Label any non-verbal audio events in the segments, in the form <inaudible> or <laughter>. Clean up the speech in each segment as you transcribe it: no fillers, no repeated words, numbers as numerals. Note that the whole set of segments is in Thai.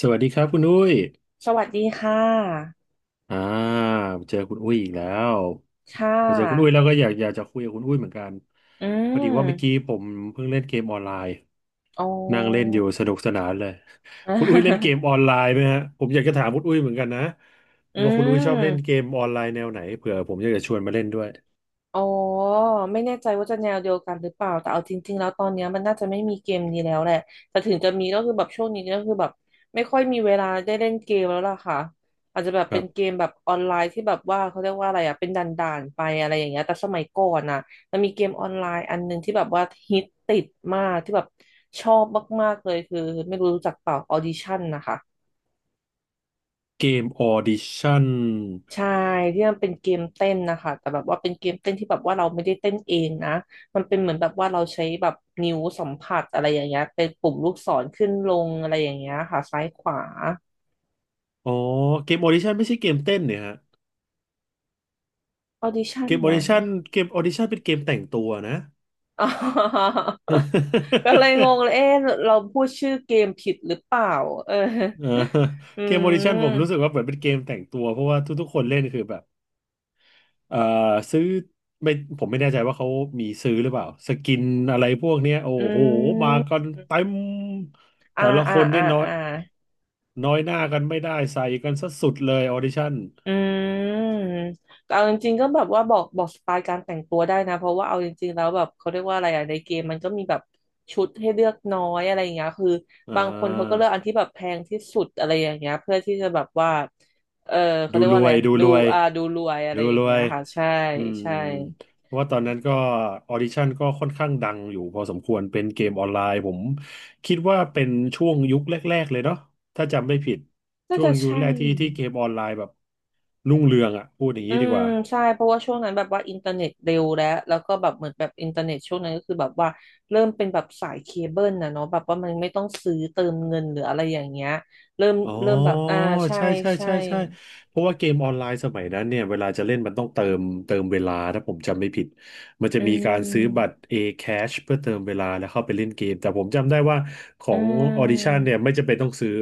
สวัสดีครับคุณอุ้ยสวัสดีค่ะอ่าเจอคุณอุ้ยอีกแล้วค่มาเจอคุณอุ้ยะแล้วก็อยากจะคุยกับคุณอุ้ยเหมือนกันอืพอดีว่าเมื่อกี้มผมเพิ่งเล่นเกมออนไลน์อ๋อ นั่งเล่นอยู่สนุกสนานเลย <laughs> คุณอุ้ยเล่นเก <laughs> มออนไลน์ไหมฮะผมอยากจะถามคุณอุ้ยเหมือนกันนะอืว่าคุณอุ้ยชอบเล่นเกม มออนไลน์แนวไหนเผื่อผมอยากจะชวนมาเล่นด้วยอ๋อไม่แน่ใจว่าจะแนวเดียวกันหรือเปล่าแต่เอาจริงๆแล้วตอนเนี้ยมันน่าจะไม่มีเกมนี้แล้วแหละแต่ถึงจะมีก็คือแบบช่วงนี้ก็คือแบบไม่ค่อยมีเวลาได้เล่นเกมแล้วล่ะค่ะอาจจะแบบคเป็รันเกบมแบบออนไลน์ที่แบบว่าเขาเรียกว่าอะไรอ่ะเป็นด่านๆไปอะไรอย่างเงี้ยแต่สมัยก่อนน่ะมันมีเกมออนไลน์อันหนึ่งที่แบบว่าฮิตติดมากที่แบบชอบมากๆเลยคือไม่รู้รู้จักเปล่าออดิชั่นนะคะ เกมออดิชั่นใช่ที่มันเป็นเกมเต้นนะคะแต่แบบว่าเป็นเกมเต้นที่แบบว่าเราไม่ได้เต้นเองนะมันเป็นเหมือนแบบว่าเราใช้แบบนิ้วสัมผัสอะไรอย่างเงี้ยเป็นปุ่มลูกศรขึ้นลงอะไรอย่างเงี้ยค่ะซ้ายขวาอ๋อเกมออดิชั่นไม่ใช่เกมเต้นเนี่ยฮะออดิชั่เกนมออนะ ดิ <laughs> ชั่คะนเกมออดิชั่นเป็นเกมแต่งตัวนะ อ๋อก็เลยงงเลย <laughs> เอ๊ะเราพูดชื่อเกมผิดหรือเปล่าเออเอออืเกม Audition ผมรู้สึกมว่าเหมือนเป็นเกมแต่งตัวเพราะว่าทุกๆคนเล่นคือแบบเอ่อซื้อไม่ผมไม่แน่ใจว่าเขามีซื้อหรือเปล่าสกินอะไรพวกเนี้ยโอ้อืโหมากัมนเต็มอ่าแต่ละอ่าคนอ่านี่น้อยอ่า น้อยหน้ากันไม่ได้ใส่กันซะสุดเลย Audition อืมเอาจริงๆก็แบบว่าบอกสไตล์การแต่งตัวได้นะเพราะว่าเอาจริงๆแล้วแบบเขาเรียกว่าอะไรอะในเกมมันก็มีแบบชุดให้เลือกน้อยอะไรอย่างเงี้ยคืออ่บางคนเขาก็เลือกอัา นที่แบบแพงที่สุดอะไรอย่างเงี้ยเพื่อที่จะแบบว่าเออเขาดูเรียกรว่าอะวไรยดูดูรวยอ่าดูรวยอะไรดูอย่ารงวเงี้ยย ค่ะใช่อืมใช่เพราะว่าตอนนั้นก็ออดิชั่นก็ค่อนข้างดังอยู่พอสมควรเป็นเกมออนไลน์ผมคิดว่าเป็นช่วงยุคแรกๆเลยเนาะถ้าจำไม่ผิดน่าช่วจะงยุคใช่ แรกที่เกมออนไลน์แบบรุ่งเรืองอ่ะพูดอย่างอืนี้ดีมกว่า ใช่เพราะว่าช่วงนั้นแบบว่าอินเทอร์เน็ตเร็วแล้วแล้วก็แบบเหมือนแบบอินเทอร์เน็ตช่วงนั้นก็คือแบบว่าเริ่มเป็นแบบสายเคเบิลนะเนาะแบบว่ามันไม่ต้องซื้อเติมเงินหรืออะไรอย่างเงี้ยเริ่มอ๋เริ่มแบบออ่าใช่ใช่ใช่ใช่ใช่ใช่เพราะว่าเกมออนไลน์สมัยนั้นเนี่ยเวลาจะเล่นมันต้องเติมเวลาถ้าผมจำไม่ผิดมันจะอืมีการซื้อบัตร ม A Cash เพื่อเติมเวลาแล้วเข้าไปเล่นเกมแต่ผมจำได้ว่าขออืง Audition มเนี่ยไม่จำเป็นต้องซื้อ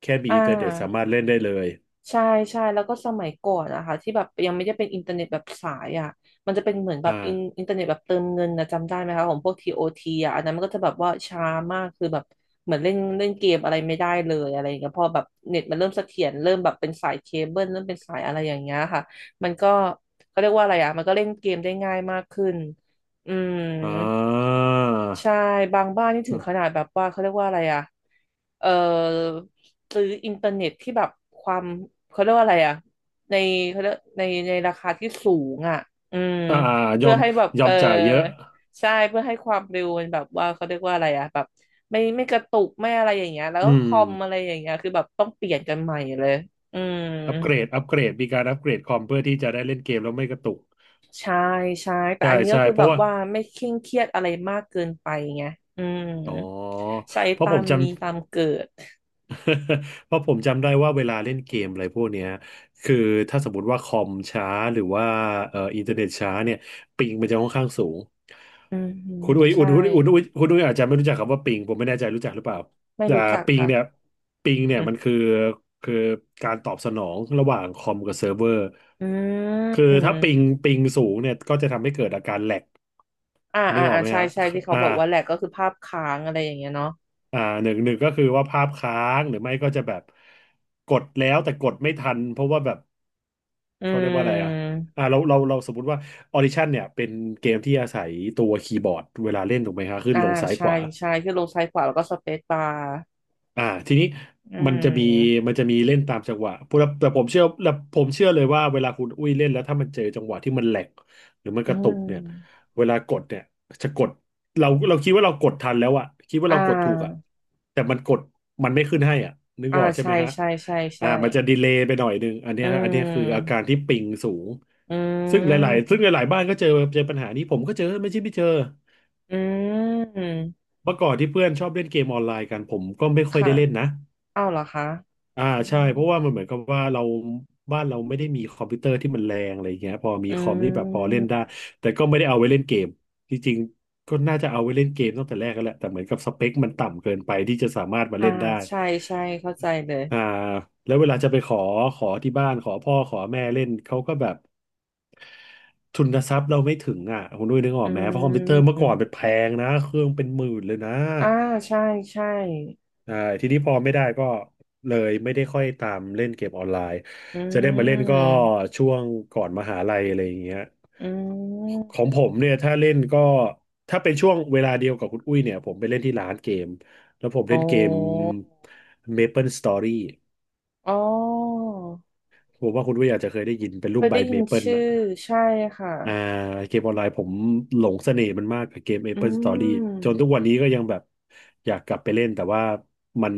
แค่มีอ่อินเทอร์เน็ตสาา มารถเล่นได้เลยใช่ใช่แล้วก็สมัยก่อนนะคะที่แบบยังไม่ได้เป็นอินเทอร์เน็ตแบบสายอ่ะมันจะเป็นเหมือนแบอ่าบอินเทอร์เน็ตแบบเติมเงินนะจำได้ไหมคะของพวก TOT อทีอ่ะอันนั้นมันก็จะแบบว่าช้ามากคือแบบเหมือนเล่นเล่นเกมอะไรไม่ได้เลยอะไรอย่างเงี้ยพอแบบเน็ตมันเริ่มเสถียรเริ่มแบบเป็นสายเคเบิลเริ่มเป็นสายอะไรอย่างเงี้ยค่ะมันก็เขาเรียกว่าอะไรอ่ะมันก็เล่นเกมได้ง่ายมากขึ้นอืมอ่าใช่บางบ้านนี่ถึงขนาดแบบว่าเขาเรียกว่าอะไรอ่ะเออ ซื้ออินเทอร์เน็ตที่แบบความเขาเรียกว่าอะไรอะในเขาเรียกในในราคาที่สูงอ่ะอืมอ่ายเพื่ออมให้แบบยอเออมจ่ายเยอะใช่เพื่อให้ความเร็วมันแบบว่าเขาเรียกว่าอะไรอะแบบไม่กระตุกไม่อะไรอย่างเงี้ยแล้วอืก็มคอมอะไรอย่างเงี้ยคือแบบต้องเปลี่ยนกันใหม่เลยอืมอัปเกรดมีการอัปเกรดคอมเพื่อที่จะได้เล่นเกมแล้วไม่กระตุกใช่ใช่แต่ใช่อันนี้ก็ใช่คือเพแบราะบว่าว่าไม่เคร่งเครียดอะไรมากเกินไปไงอืมอ๋อใช้เพราะตาผมมมีตาจำ มเกิด <laughs> เพราะผมจำได้ว่าเวลาเล่นเกมอะไรพวกเนี้ยคือถ้าสมมติว่าคอมช้าหรือว่าอินเทอร์เน็ตช้าเนี่ยปิงมันจะค่อนข้างสูงอืมใช่คุณอุ้ยอาจจะไม่รู้จักคำว่าปิงผมไม่แน่ใจรู้จักหรือเปล่าไม่แต่รู้จักปิงค่เนี่ยปิงเนี่ยมันะ คือคือการตอบสนองระหว่างคอมกับเซิร์ฟเวอร์อืคือมถ้าปิงสูงเนี่ยก็จะทำให้เกิดอาการแหลกอ่านึอ่ากออกอ่าไหมใช่ฮะใช่ที่เขาอ่า บอกว่าแหลกก็คือภาพค้างอะไรอย่างเงี้ยเนาะอ่าหนึ่งก็คือว่าภาพค้างหรือไม่ก็จะแบบกดแล้วแต่กดไม่ทันเพราะว่าแบบอืเขาเรียกว่าอะไรอ่ะมอ่าเราสมมติว่าออดิชั่นเนี่ยเป็นเกมที่อาศัยตัวคีย์บอร์ดเวลาเล่นถูกไหมฮะขึ้นอ่าลงซ้ายขใช่วา ใช่ ที่ลงซ้ายขวาแล้วก็สเปซบาร์อ่าทีนี้อืมันจะมีมมันจะมีเล่นตามจังหวะพูดแล้วแต่ผมเชื่อเลยว่าเวลาคุณอุ้ยเล่นแล้วถ้ามันเจอจังหวะที่มันแหลกหรือมันอืกระตุกมเนี่ยเวลากดเนี่ยจะกดเราคิดว่าเรากดทันแล้วอะคิดว่าอ่เรากดถูกอะาแต่มันไม่ขึ้นให้อ่ะนึกอ่าออกใช่ใช่ไหมฮะใช่ใช่อ่าใช่ มันจะดีเลย์ไปหน่อยนึงอันเนี้อืยอันเนี้ยคืออาการมที่ปิงสูงอืซึ่งหลายๆซึ่มงหลายๆบ้านก็เจอปัญหานี้ผมก็เจอไม่ใช่ไม่เจออืมเมื่อก่อนที่เพื่อนชอบเล่นเกมออนไลน์กันผมก็ไม่ค่อยค่ะได้เล่นนะ เอาเหรอคะอ่าอืใช่มเพราะว่ามันเหมือนกับว่าเราบ้านเราไม่ได้มีคอมพิวเตอร์ที่มันแรงอะไรอย่างเงี้ยพอมีอืคอมที่แบบพอเล่นได้มแต่ก็ไม่ได้เอาไว้เล่นเกมจริงๆก็น่าจะเอาไว้เล่นเกมตั้งแต่แรกแล้วแหละแต่เหมือนกับสเปคมันต่ำเกินไปที่จะสามารถมาอ่าเล่นได้ใช่ใช่เข้าใจเลยอ่าแล้วเวลาจะไปขอขอที่บ้านขอพ่อขอแม่เล่นเขาก็แบบทุนทรัพย์เราไม่ถึงอ่ะคุณด้วยนึกอออืกไหมเพราะคอมพิวเตอร์เมื่มอก่อนเป็นแพงนะเครื่องเป็นหมื่นเลยนะ อ่าใช่ใช่ใช่ทีนี้พอไม่ได้ก็เลยไม่ได้ค่อยตามเล่นเกมออนไลน์ อืจะได้มาเล่นก็ม ช่วงก่อนมหาลัยอะไรอย่างเงี้ยอืของมผมเนี่ยถ้าเล่นก็ถ้าเป็นช่วงเวลาเดียวกับคุณอุ้ยเนี่ยผมไปเล่นที่ร้านเกมแล้วผมอ๋อเล่นเกม Maple Story อ๋อผมว่าคุณอุ้ยอาจจะเคยได้ยินเป็นเครูปยใบได้ยิเมนเปิลชื่ออะ ใช่ค่ะ อ่าเกมออนไลน์ผมหลงเสน่ห์มันมากกับเกม อื Maple Story จนมทุกวันนี้ก็ยังแบบอยากกลับไปเล่นแต่ว่ามัน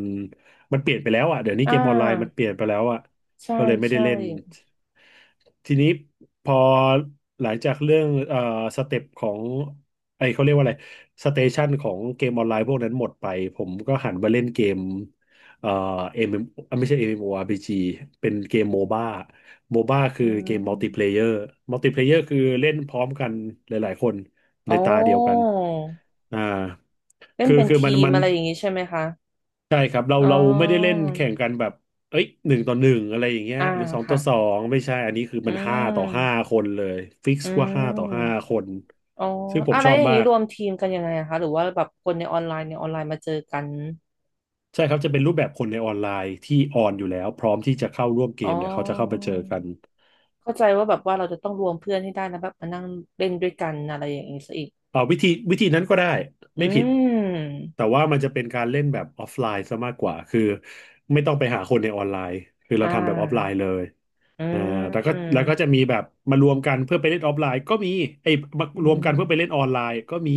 มันเปลี่ยนไปแล้วอ่ะเดี๋ยวนี้อ่เกมออนไลน์มันเปาลี่ยนไปแล้วอ่ะใช่ก็เลยไม่ได้ใช่เล่นทีนี้พอหลังจากเรื่องสเต็ปของไอเขาเรียกว่าอะไรสเตชันของเกมออนไลน์พวกนั้นหมดไปผมก็หันมาเล่นเกม เอ่อ MM เอ็มเอ็มไม่ใช่ MMORPG เป็นเกมโมบ้าโมบ้าคือือเกมมัลติเพลมเยอร์มัลติเพลเยอร์คือเล่นพร้อมกันหลายๆคนอ๋ในตาเดียวกันออ่าเล่นคือเป็นคือทีมันมมันอะไรอย่างนี้ใช่ไหมคะใช่ครับเราอ๋อเราไม่ได้เล่นแข่งกันแบบเอ้ยหนึ่งต่อหนึ่งอะไรอย่างเงี้ยอ่าหรือสองต่ค่ะอสองไม่ใช่อันนี้คืออืมันห้าต่อห้ามคนเลยฟิกอืซ์ว่าห้าต่อห้ามคนอ๋อซึ่งผมอะไรชออบย่างมานี้กรวมทีมกันยังไงอะคะหรือว่าแบบคนในออนไลน์ในออนไลน์มาเจอกันใช่ครับจะเป็นรูปแบบคนในออนไลน์ที่ออนอยู่แล้วพร้อมที่จะเข้าร่วมเกอ๋อ มเนี่ยเขาจะเข้าไปเจอกัน เข้าใจว่าแบบว่าเราจะต้องรวมเพื่อนให้ได้นะแบบมานั่งเล่นด้วยกันอะไรอย่างนี้ซะอีกวิธีนั้นก็ได้อืไม่ผิดมแต่ว่ามันจะเป็นการเล่นแบบออฟไลน์ซะมากกว่าคือไม่ต้องไปหาคนในออนไลน์คืออ่เราทำแบบออฟไลาน์เลยอือ่าแล้วก็แล้มวก็จะมีแบบมารวมกันเพื่อไปเล่นออฟไลน์ก็มีไอ้ยมาอืรวมกันเพื่อไปเล่มนออนไลน์ก็มี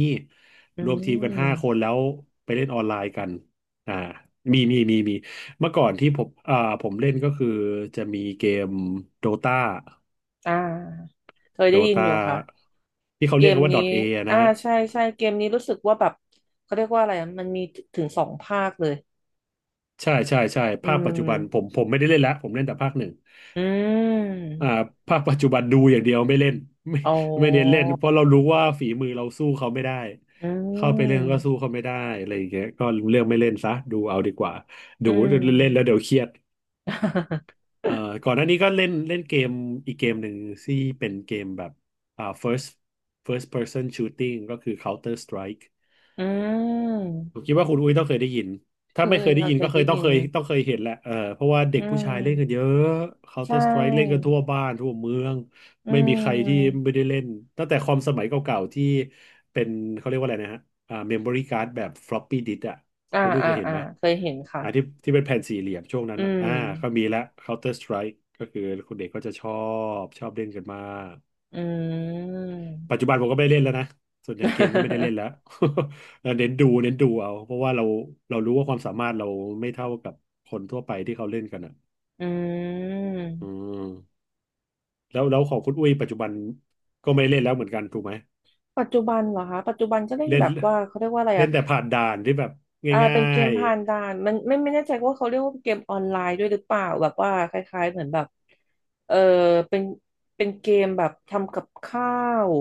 อืรวมทีมกันห้าคนมแล้วไปเล่นออนไลน์กันอ่ามีเมื่อก่อนที่ผมเล่นก็คือจะมีเกมโดตาอ่าเคยโดได้ยินอตายู่ค่ะที่เขาเกเรียกมกันว่า นี้ .A อะอ่านะฮะ ใช่ใช่เกมนี้รู้สึกว่าแบบเขาเรียกว่าอะไรอะมันมีถึงสองภาคเลยใช่ใช่ใช่อืภาคปัจจุมบันผมไม่ได้เล่นแล้วผมเล่นแต่ภาคหนึ่งอืมอ่าภาคปัจจุบันดูอย่างเดียวไม่เล่น <laughs> ไม่อ๋อไม่เน้นเล่นเพราะเรารู้ว่าฝีมือเราสู้เขาไม่ได้อืเข้าไปเล่นก็สู้มเขาไม่ได้อะไรอย่างเงี้ยก็เลือกไม่เล่นซะดูเอาดีกว่าอืดูม เล่นแล้วเดี๋ยวเครียด <laughs> เอ่อก่อนหน้านี้ก็เล่นเล่นเกมอีกเกมหนึ่งที่เป็นเกมแบบอ่า first first person shooting ก็คือ Counter Strike อืมผมคิดว่าคุณอุ้ยต้องเคยได้ยิน เคถ้าไม่เคยยได้ค่ะยินเคยก็เคได้ยต้องยิเคนยต้องเคยเห็นแหละเออเพราะว่าเด็อืกผู้ชายเล่นกันเยม อะ ใช Counter Strike เล่นกัน่ ทั่วบ้านทั่วเมือง อืไม่มีใครที่ม ไม่ได้เล่นตั้งแต่คอมสมัยเก่าๆที่เป็นเขาเรียกว่าอะไรนะฮะอ่า memory card แบบ floppy disk อ่ะอ่าคุณอุ้ยอ่าเคยเห็นอ่าไหมเคยเห็นอ่าที่ค่ะที่เป็นแผ่นสี่เหลี่ยมช่วงนั้นอือ่ะอ่าม ก็มีละ Counter Strike ก็คือคุณเด็กก็จะชอบเล่นกันมาก อืม ปัจจุบันผมก็ไม่ได้เล่นแล้วนะส่วนใหญ่เกมก็ไม่ได้เล่นแล้ว <laughs> <laughs> แล้วเน้นดูเน้นดูเอาเพราะว่าเรารู้ว่าความสามารถเราไม่เท่ากับคนทั่วไปที่เขาเล่นกันอ่ะอือืม มแล้วแล้วของคุณอุ้ยปัจจุบันก็ไม่เล่นแล้วเหมือนกันถูกไหมปัจจุบันเหรอคะ ปัจจุบันก็เล่นเล่นแบบว่าเขาเรียกว่าอะไรเล่อะ นแต่ผ่านด่านที่แบบอ่าง่าเป็นเกมยผ่านด่านมันไม่แน่ใจว่าเขาเรียกว่าเกมออนไลน์ด้วยหรือเปล่าแบบว่าคล้ายๆเหมือนแบบเออเป็นเป็นเกมแบบทำกับข้าว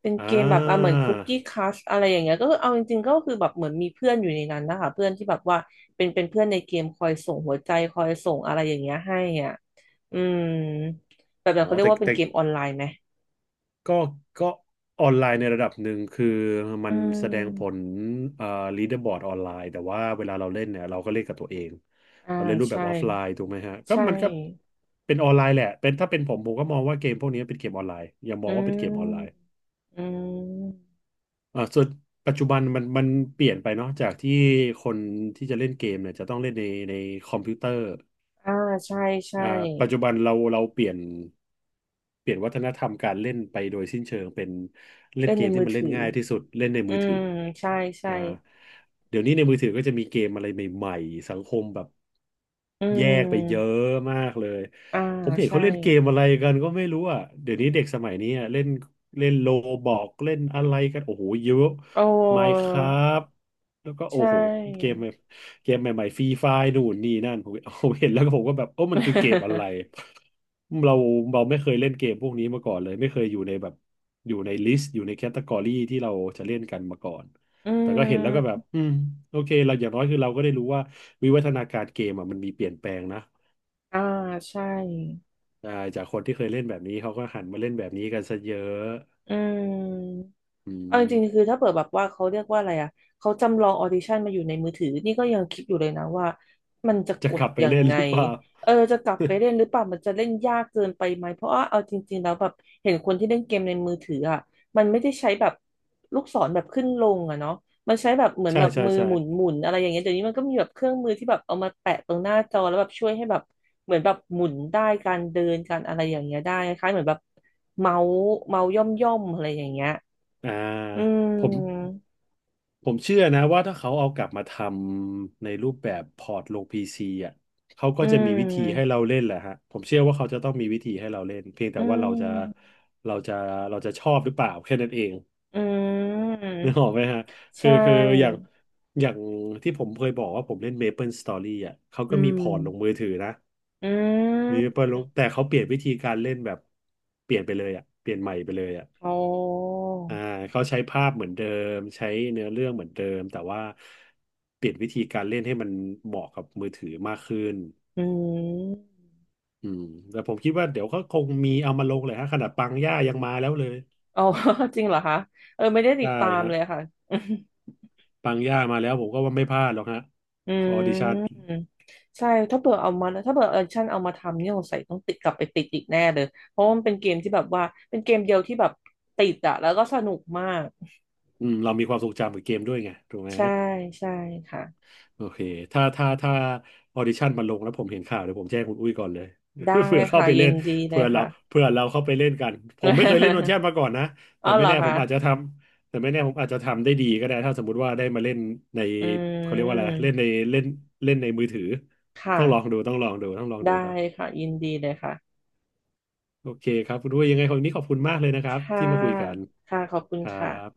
เป็นเกอ่มแบบอ่าเหมือานคุกกี้คัสอะไรอย่างเงี้ยก็คือเอาจริงๆก็คือแบบเหมือนมีเพื่อนอยู่ในนั้นนะคะเพื่อนที่แบบว่าเป็นเพื่อนในเกมคอยส่งหัวใจคอยส่งอะไรอย่างเงี้ยให้อ่ะอืมแบบนั้อ๋นอเขาเรียกแต่ว่าเป็นแต่ เกมออนไลน์ไหมก็ก็ออนไลน์ในระดับหนึ่งคือมัอืนแสดงมผลเอ่อลีดเดอร์บอร์ดออนไลน์แต่ว่าเวลาเราเล่นเนี่ยเราก็เล่นกับตัวเองอ่าเราเล่นรูปแบใช่บออฟไลน์ถูกไหมฮะก็ใชมันก็่เป็นออนไลน์แหละเป็นถ้าเป็นผมก็มองว่าเกมพวกนี้เป็นเกมออนไลน์ยังมอืองว่าเป็นเกมออนไลน์มอืม อ่าส่วนปัจจุบันมันเปลี่ยนไปเนาะจากที่คนที่จะเล่นเกมเนี่ยจะต้องเล่นในในคอมพิวเตอร์ อ่าใช่ใช่อ่าปัจจุบันเราเปลี่ยนวัฒนธรรมการเล่นไปโดยสิ้นเชิงเป็นเล่นเล่นเกในมที่มือมันเล่นถือง่ายที่สุดเล่นในอืมือถือ มใช่ใช่อ่าเดี๋ยวนี้ในมือถือก็จะมีเกมอะไรใหม่ๆสังคมแบบอืแยกไปเยอะมมากเลยอ่าผมเห็นใช่เขาเล่นเกมอะไรกันก็ไม่รู้อ่ะเดี๋ยวนี้เด็กสมัยนี้อะเล่นเล่นโลบอกเล่นอะไรกันโอ้โหเยอะ โอ้ Minecraft แล้วก็ใชโอ้โหเกม่ แบบเกมใหม่ๆฟรีไฟนู่นนี่นั่นผมเห็นแล้วก็ผมก็แบบโอ้มันคือเกมอะไร <laughs> เราเราไม่เคยเล่นเกมพวกนี้มาก่อนเลยไม่เคยอยู่ในแบบอยู่ในลิสต์อยู่ในแคตตากรีที่เราจะเล่นกันมาก่อน อืแต่ก็เห็นแล้วก็แบมบอืมโอเคเราอย่างน้อยคือเราก็ได้รู้ว่าวิวัฒนาการเกมอ่ะมันมีเปลี่ยนแปลงนะอ่าใช่ใช่จากคนที่เคยเล่นแบบนี้เขาก็หันมาเล่นแบบนี้กันซะเยอะอืม อืเอาจริงๆคืมอถ้าเปิดแบบว่าเขาเรียกว่าอะไรอ่ะเขาจำลองออดิชั่นมาอยู่ในมือถือนี่ก็ยังคิดอยู่เลยนะว่ามันจะจะกกดลับไปยัเล่งนไงหรือเปล่า เออจะกลับไปเล่นหรือเปล่ามันจะเล่นยากเกินไปไหมเพราะว่าเอาจริงๆแล้วแบบเห็นคนที่เล่นเกมในมือถืออ่ะมันไม่ได้ใช้แบบลูกศรแบบขึ้นลงอ่ะเนาะมันใช้แบบเหมื <laughs> อนใช่แบบใช่มือใช่หมุนอะไรอย่างเงี้ยเดี๋ยวนี้มันก็มีแบบเครื่องมือที่แบบเอามาแปะตรงหน้าจอแล้วแบบช่วยให้แบบเหมือนแบบหมุนได้การเดินการอะไรอย่างเงี้ยได้คล้ายๆเหมือนแบบเมาส์เมาส์ย่อมอะไรอย่างเงี้ย อ่าอืผมมผมเชื่อนะว่าถ้าเขาเอากลับมาทำในรูปแบบพอร์ตลงพีซีอ่ะเขาก็อืจะมีวิธีให้เรามเล่นแหละฮะผมเชื่อว่าเขาจะต้องมีวิธีให้เราเล่นเพียงอืแต่ว่ามเราจะเราจะชอบหรือเปล่าแค่นั้นเอง อืมนึกออกไหมฮะใชคือคืออย่าง่อย่างที่ผมเคยบอกว่าผมเล่น Maple Story อ่ะเขาอืก็มีมพอร์ตลงมือถือนะอืมี Maple ลมงแต่เขาเปลี่ยนวิธีการเล่นแบบเปลี่ยนไปเลยอ่ะเปลี่ยนใหม่ไปเลยอ่ะโอ้อ่าเขาใช้ภาพเหมือนเดิมใช้เนื้อเรื่องเหมือนเดิมแต่ว่าเปลี่ยนวิธีการเล่นให้มันเหมาะกับมือถือมากขึ้นอืมอืมแต่ผมคิดว่าเดี๋ยวก็คงมีเอามาลงเลยฮะขนาดปังย่ายังมาแล้วเลยอ๋อ <laughs> จริงเหรอคะ เออไม่ได้ติดได้ตามฮะเลยค่ะ ปังย่ามาแล้วผมก็ว่าไม่พลาดหรอกฮะ <laughs> อืออมดิชั่น อืมใช่ถ้าเผื่อเอามาถ้าเผื่อเออชั่นเอามาทำนี่สงสัยต้องติดกลับไปติดอีกแน่เลยเพราะว่ามันเป็นเกมที่แบบว่าเป็นเกมเดียวที่แบบติดอะแล้วก็สนุกมาก อืมเรามีความทรงจำกับเกมด้วยไงถูกไหมใช่ ใช่ค่ะ โอเคถ้าออดิชั่นมาลงแล้วผมเห็นข่าวเดี๋ยวผมแจ้งคุณอุ้ยก่อนเลย ได้ <laughs> เผื่อเข้าค่ะไปยิเล่นนดีเลเผื่ยอเราค่ะ เผื่อเราเข้าไปเล่นกันผมไม่เคยเล่นออดิ <laughs> ชั่นมาก่อนนะอ๋แต่อเหไม่รอแน่ผคะมอาจจะทำแต่ไม่แน่ผมอาจจะทำได้ดีก็ได้ถ้าสมมุติว่าได้มาเล่นในอืเขาเรียกว่าอะไรม เล่นเล่นในมือถือค่ะ ต้องลองดูต้องลองดูต้องลองได้ดูครับค่ะยินดีเลยค่ะโอเคครับคุณอุ้ยยังไงคนนี้ขอบคุณมากเลยนะคครับ่ะ ที่มาคุยกันค่ะ ขอบคุณครัค่ะบ